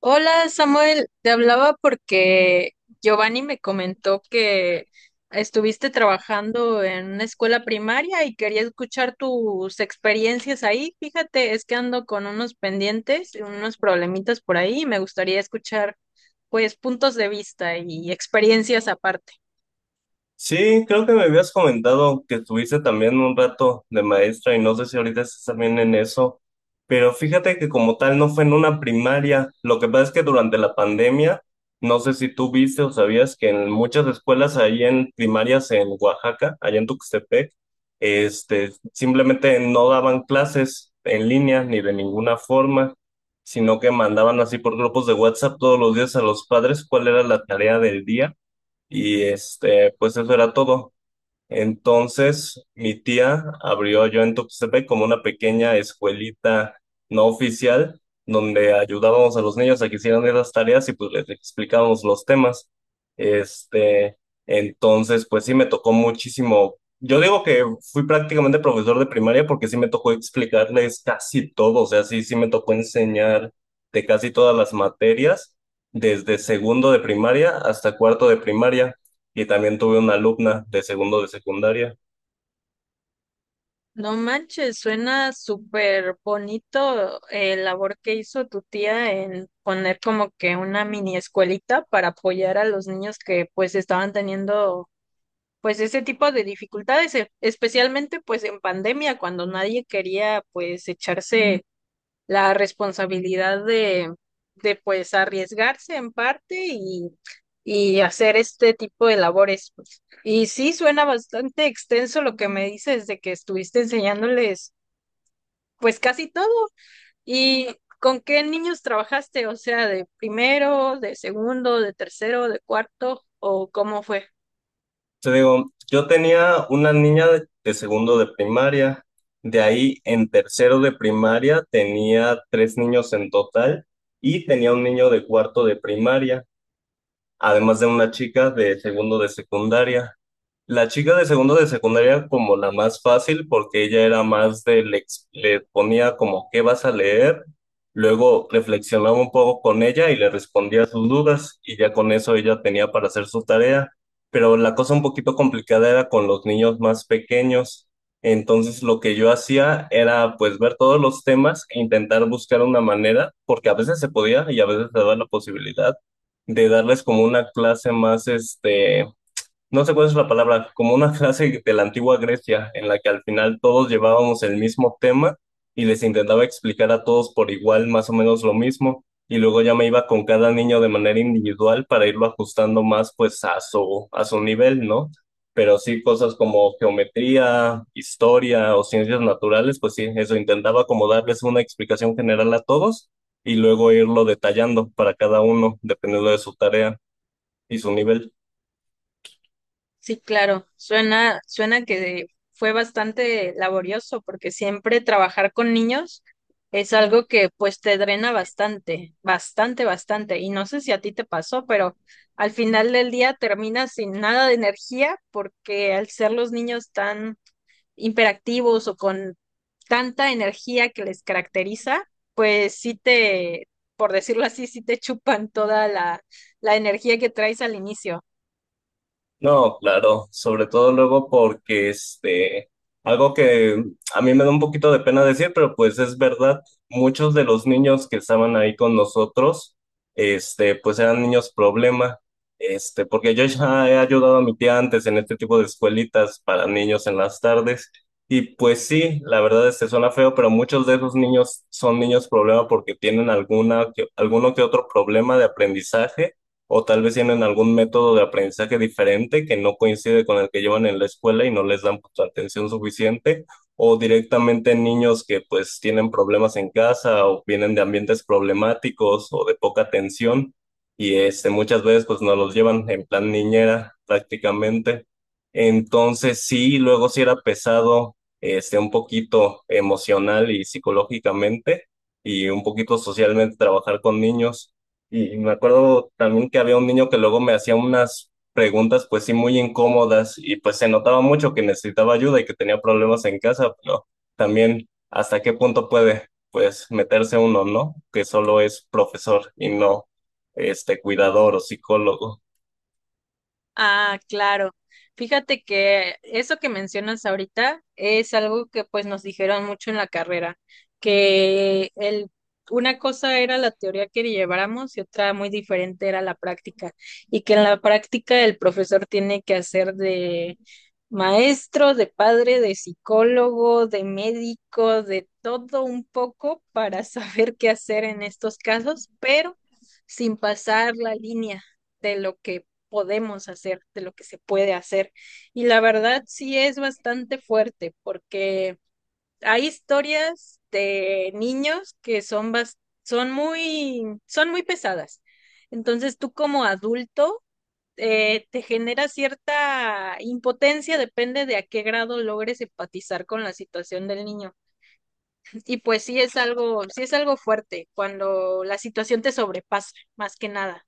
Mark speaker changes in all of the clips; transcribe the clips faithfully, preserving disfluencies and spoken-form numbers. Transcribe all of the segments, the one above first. Speaker 1: Hola Samuel, te hablaba porque Giovanni me comentó que estuviste trabajando en una escuela primaria y quería escuchar tus experiencias ahí. Fíjate, es que ando con unos pendientes y unos problemitas por ahí y me gustaría escuchar pues puntos de vista y experiencias aparte.
Speaker 2: Sí, creo que me habías comentado que estuviste también un rato de maestra y no sé si ahorita estás también en eso, pero fíjate que como tal no fue en una primaria, lo que pasa es que durante la pandemia, no sé si tú viste o sabías que en muchas escuelas ahí en primarias en Oaxaca, allá en Tuxtepec, este, simplemente no daban clases en línea ni de ninguna forma, sino que mandaban así por grupos de WhatsApp todos los días a los padres cuál era la tarea del día y este, pues eso era todo. Entonces, mi tía abrió yo en Tuxtepec como una pequeña escuelita no oficial, donde ayudábamos a los niños a que hicieran esas tareas y pues les explicábamos los temas. Este, entonces, pues sí me tocó muchísimo. Yo digo que fui prácticamente profesor de primaria porque sí me tocó explicarles casi todo, o sea, sí, sí me tocó enseñar de casi todas las materias, desde segundo de primaria hasta cuarto de primaria y también tuve una alumna de segundo de secundaria.
Speaker 1: No manches, suena súper bonito el labor que hizo tu tía en poner como que una mini escuelita para apoyar a los niños que pues estaban teniendo pues ese tipo de dificultades, e- especialmente pues en pandemia cuando nadie quería pues echarse la responsabilidad de de pues arriesgarse en parte y y hacer este tipo de labores pues. Y sí, suena bastante extenso lo que me dices de que estuviste enseñándoles pues casi todo. ¿Y con qué niños trabajaste? O sea, ¿de primero, de segundo, de tercero, de cuarto, o cómo fue?
Speaker 2: Te digo, yo tenía una niña de, de segundo de primaria, de ahí en tercero de primaria tenía tres niños en total y tenía un niño de cuarto de primaria, además de una chica de segundo de secundaria. La chica de segundo de secundaria como la más fácil porque ella era más de le, ex- le ponía como qué vas a leer, luego reflexionaba un poco con ella y le respondía sus dudas y ya con eso ella tenía para hacer su tarea. Pero la cosa un poquito complicada era con los niños más pequeños. Entonces lo que yo hacía era pues ver todos los temas e intentar buscar una manera, porque a veces se podía y a veces se daba la posibilidad de darles como una clase más, este, no sé cuál es la palabra, como una clase de la antigua Grecia en la que al final todos llevábamos el mismo tema y les intentaba explicar a todos por igual más o menos lo mismo y luego ya me iba con cada niño de manera individual para irlo ajustando más pues a su, a su nivel, ¿no? Pero sí cosas como geometría, historia o ciencias naturales, pues sí, eso intentaba como darles una explicación general a todos y luego irlo detallando para cada uno dependiendo de su tarea y su nivel.
Speaker 1: Sí, claro, suena, suena que fue bastante laborioso porque siempre trabajar con niños es algo que pues te drena bastante, bastante, bastante. Y no sé si a ti te pasó, pero al final del día terminas sin nada de energía porque al ser los niños tan hiperactivos o con tanta energía que les caracteriza, pues sí te, por decirlo así, sí te chupan toda la, la energía que traes al inicio.
Speaker 2: No, claro, sobre todo luego porque este, algo que a mí me da un poquito de pena decir, pero pues es verdad, muchos de los niños que estaban ahí con nosotros, este, pues eran niños problema, este, porque yo ya he ayudado a mi tía antes en este tipo de escuelitas para niños en las tardes, y pues sí, la verdad es que suena feo, pero muchos de esos niños son niños problema porque tienen alguna, que- alguno que otro problema de aprendizaje o tal vez tienen algún método de aprendizaje diferente que no coincide con el que llevan en la escuela y no les dan, pues, atención suficiente, o directamente niños que pues tienen problemas en casa o vienen de ambientes problemáticos o de poca atención y este, muchas veces pues nos los llevan en plan niñera prácticamente. Entonces sí, luego sí era pesado, este, un poquito emocional y psicológicamente y un poquito socialmente trabajar con niños. Y me acuerdo también que había un niño que luego me hacía unas preguntas, pues sí, muy incómodas, y pues se notaba mucho que necesitaba ayuda y que tenía problemas en casa, pero también hasta qué punto puede, pues, meterse uno, ¿no? Que solo es profesor y no, este, cuidador o psicólogo.
Speaker 1: Ah, claro. Fíjate que eso que mencionas ahorita es algo que pues nos dijeron mucho en la carrera, que el, una cosa era la teoría que lleváramos y otra muy diferente era la práctica, y que en la práctica el profesor tiene que hacer de maestro, de padre, de psicólogo, de médico, de todo un poco para saber qué hacer en estos casos, pero sin pasar la línea de lo que podemos hacer, de lo que se puede hacer. Y la verdad sí es bastante fuerte porque hay historias de niños que son, bas- son muy, son muy pesadas. Entonces tú como adulto eh, te genera cierta impotencia, depende de a qué grado logres empatizar con la situación del niño. Y pues sí es algo, sí es algo fuerte cuando la situación te sobrepasa, más que nada.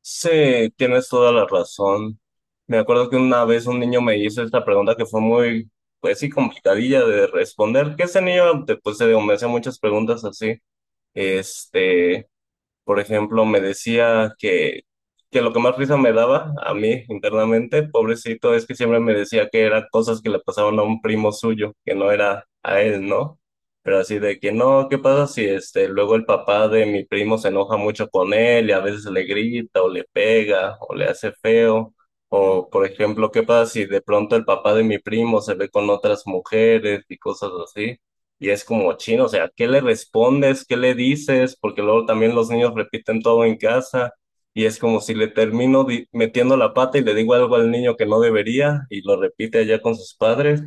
Speaker 2: Sí, tienes toda la razón. Me acuerdo que una vez un niño me hizo esta pregunta que fue muy, pues sí, complicadilla de responder, que ese niño, de- pues, se me hacía muchas preguntas así. Este, Por ejemplo, me decía que, que lo que más risa me daba a mí internamente, pobrecito, es que siempre me decía que eran cosas que le pasaban a un primo suyo, que no era a él, ¿no? Pero así de que no, ¿qué pasa si este, luego el papá de mi primo se enoja mucho con él y a veces le grita o le pega o le hace feo? O, por ejemplo, ¿qué pasa si de pronto el papá de mi primo se ve con otras mujeres y cosas así? Y es como chino, o sea, ¿qué le respondes? ¿Qué le dices? Porque luego también los niños repiten todo en casa y es como si le termino di- metiendo la pata y le digo algo al niño que no debería y lo repite allá con sus padres.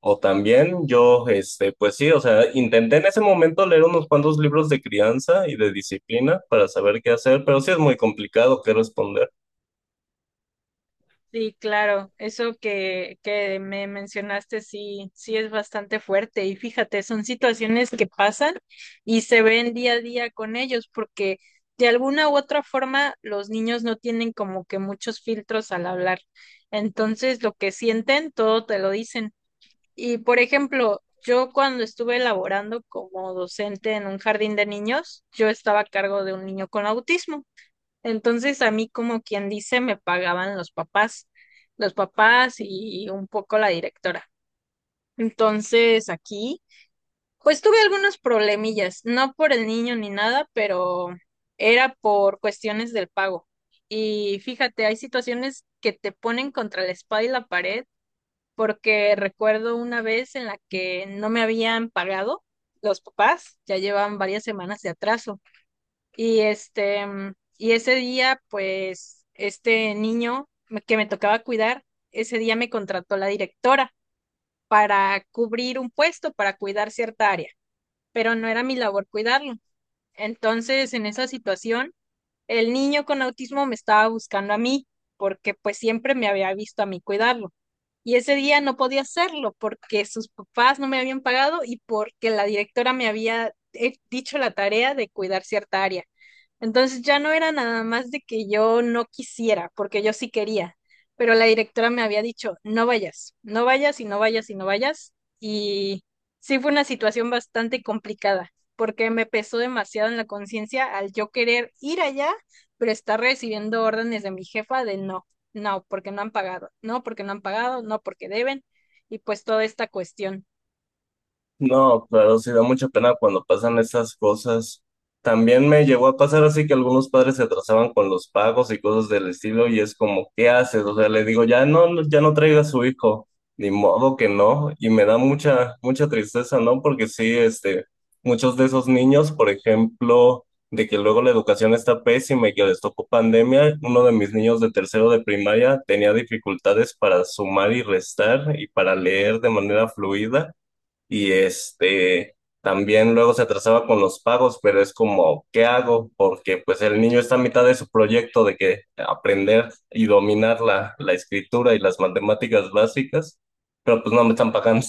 Speaker 2: O también yo, este, pues sí, o sea, intenté en ese momento leer unos cuantos libros de crianza y de disciplina para saber qué hacer, pero sí es muy complicado qué responder.
Speaker 1: Sí, claro, eso que, que me mencionaste, sí, sí es bastante fuerte y fíjate, son situaciones que pasan y se ven día a día con ellos porque de alguna u otra forma los niños no tienen como que muchos filtros al hablar. Entonces, lo que sienten, todo te lo dicen. Y por ejemplo, yo cuando estuve elaborando como docente en un jardín de niños, yo estaba a cargo de un niño con autismo. Entonces a mí, como quien dice, me pagaban los papás, los papás y un poco la directora. Entonces aquí, pues tuve algunos problemillas, no por el niño ni nada, pero era por cuestiones del pago. Y fíjate, hay situaciones que te ponen contra la espada y la pared, porque recuerdo una vez en la que no me habían pagado los papás, ya llevaban varias semanas de atraso. Y este, mm, y ese día, pues, este niño me- que me tocaba cuidar, ese día me contrató la directora para cubrir un puesto, para cuidar cierta área, pero no era mi labor cuidarlo. Entonces, en esa situación, el niño con autismo me estaba buscando a mí, porque pues siempre me había visto a mí cuidarlo. Y ese día no podía hacerlo porque sus papás no me habían pagado y porque la directora me había eh, dicho la tarea de cuidar cierta área. Entonces ya no era nada más de que yo no quisiera, porque yo sí quería, pero la directora me había dicho, no vayas, no vayas y no vayas y no vayas. Y sí fue una situación bastante complicada porque me pesó demasiado en la conciencia al yo querer ir allá pero está recibiendo órdenes de mi jefa de no, no, porque no han pagado, no, porque no han pagado, no, porque deben, y pues toda esta cuestión.
Speaker 2: No, claro, sí da mucha pena cuando pasan esas cosas. También me llegó a pasar así que algunos padres se atrasaban con los pagos y cosas del estilo y es como, ¿qué haces? O sea, le digo, ya no, no- ya no traiga a su hijo, ni modo que no. Y me da mucha, mucha tristeza, ¿no? Porque sí, este, muchos de esos niños, por ejemplo, de que luego la educación está pésima y que les tocó pandemia, uno de mis niños de tercero de primaria tenía dificultades para sumar y restar y para leer de manera fluida y este también luego se atrasaba con los pagos, pero es como, ¿qué hago? Porque pues el niño está a mitad de su proyecto de que aprender y dominar la, la escritura y las matemáticas básicas, pero pues no me están pagando.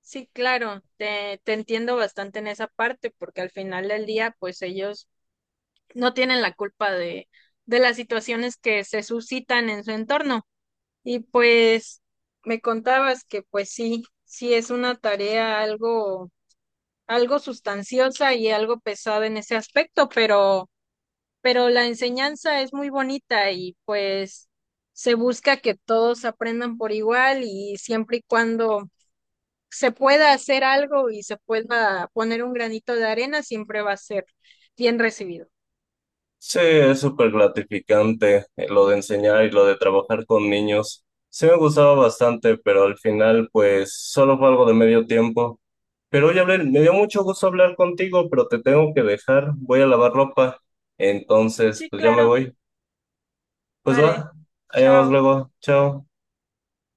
Speaker 1: Sí, claro, te, te entiendo bastante en esa parte, porque al final del día, pues ellos no tienen la culpa de, de las situaciones que se suscitan en su entorno. Y pues me contabas que pues sí, sí es una tarea algo, algo sustanciosa y algo pesada en ese aspecto, pero pero la enseñanza es muy bonita y pues se busca que todos aprendan por igual y siempre y cuando se pueda hacer algo y se pueda poner un granito de arena, siempre va a ser bien recibido.
Speaker 2: Sí, es súper gratificante, eh, lo de enseñar y lo de trabajar con niños. Sí me gustaba bastante, pero al final pues solo fue algo de medio tiempo. Pero oye, Abel, me dio mucho gusto hablar contigo, pero te tengo que dejar. Voy a lavar ropa. Entonces,
Speaker 1: Sí,
Speaker 2: pues ya me
Speaker 1: claro,
Speaker 2: voy. Pues
Speaker 1: vale.
Speaker 2: va, allá nos vemos
Speaker 1: Chao.
Speaker 2: luego. Chao.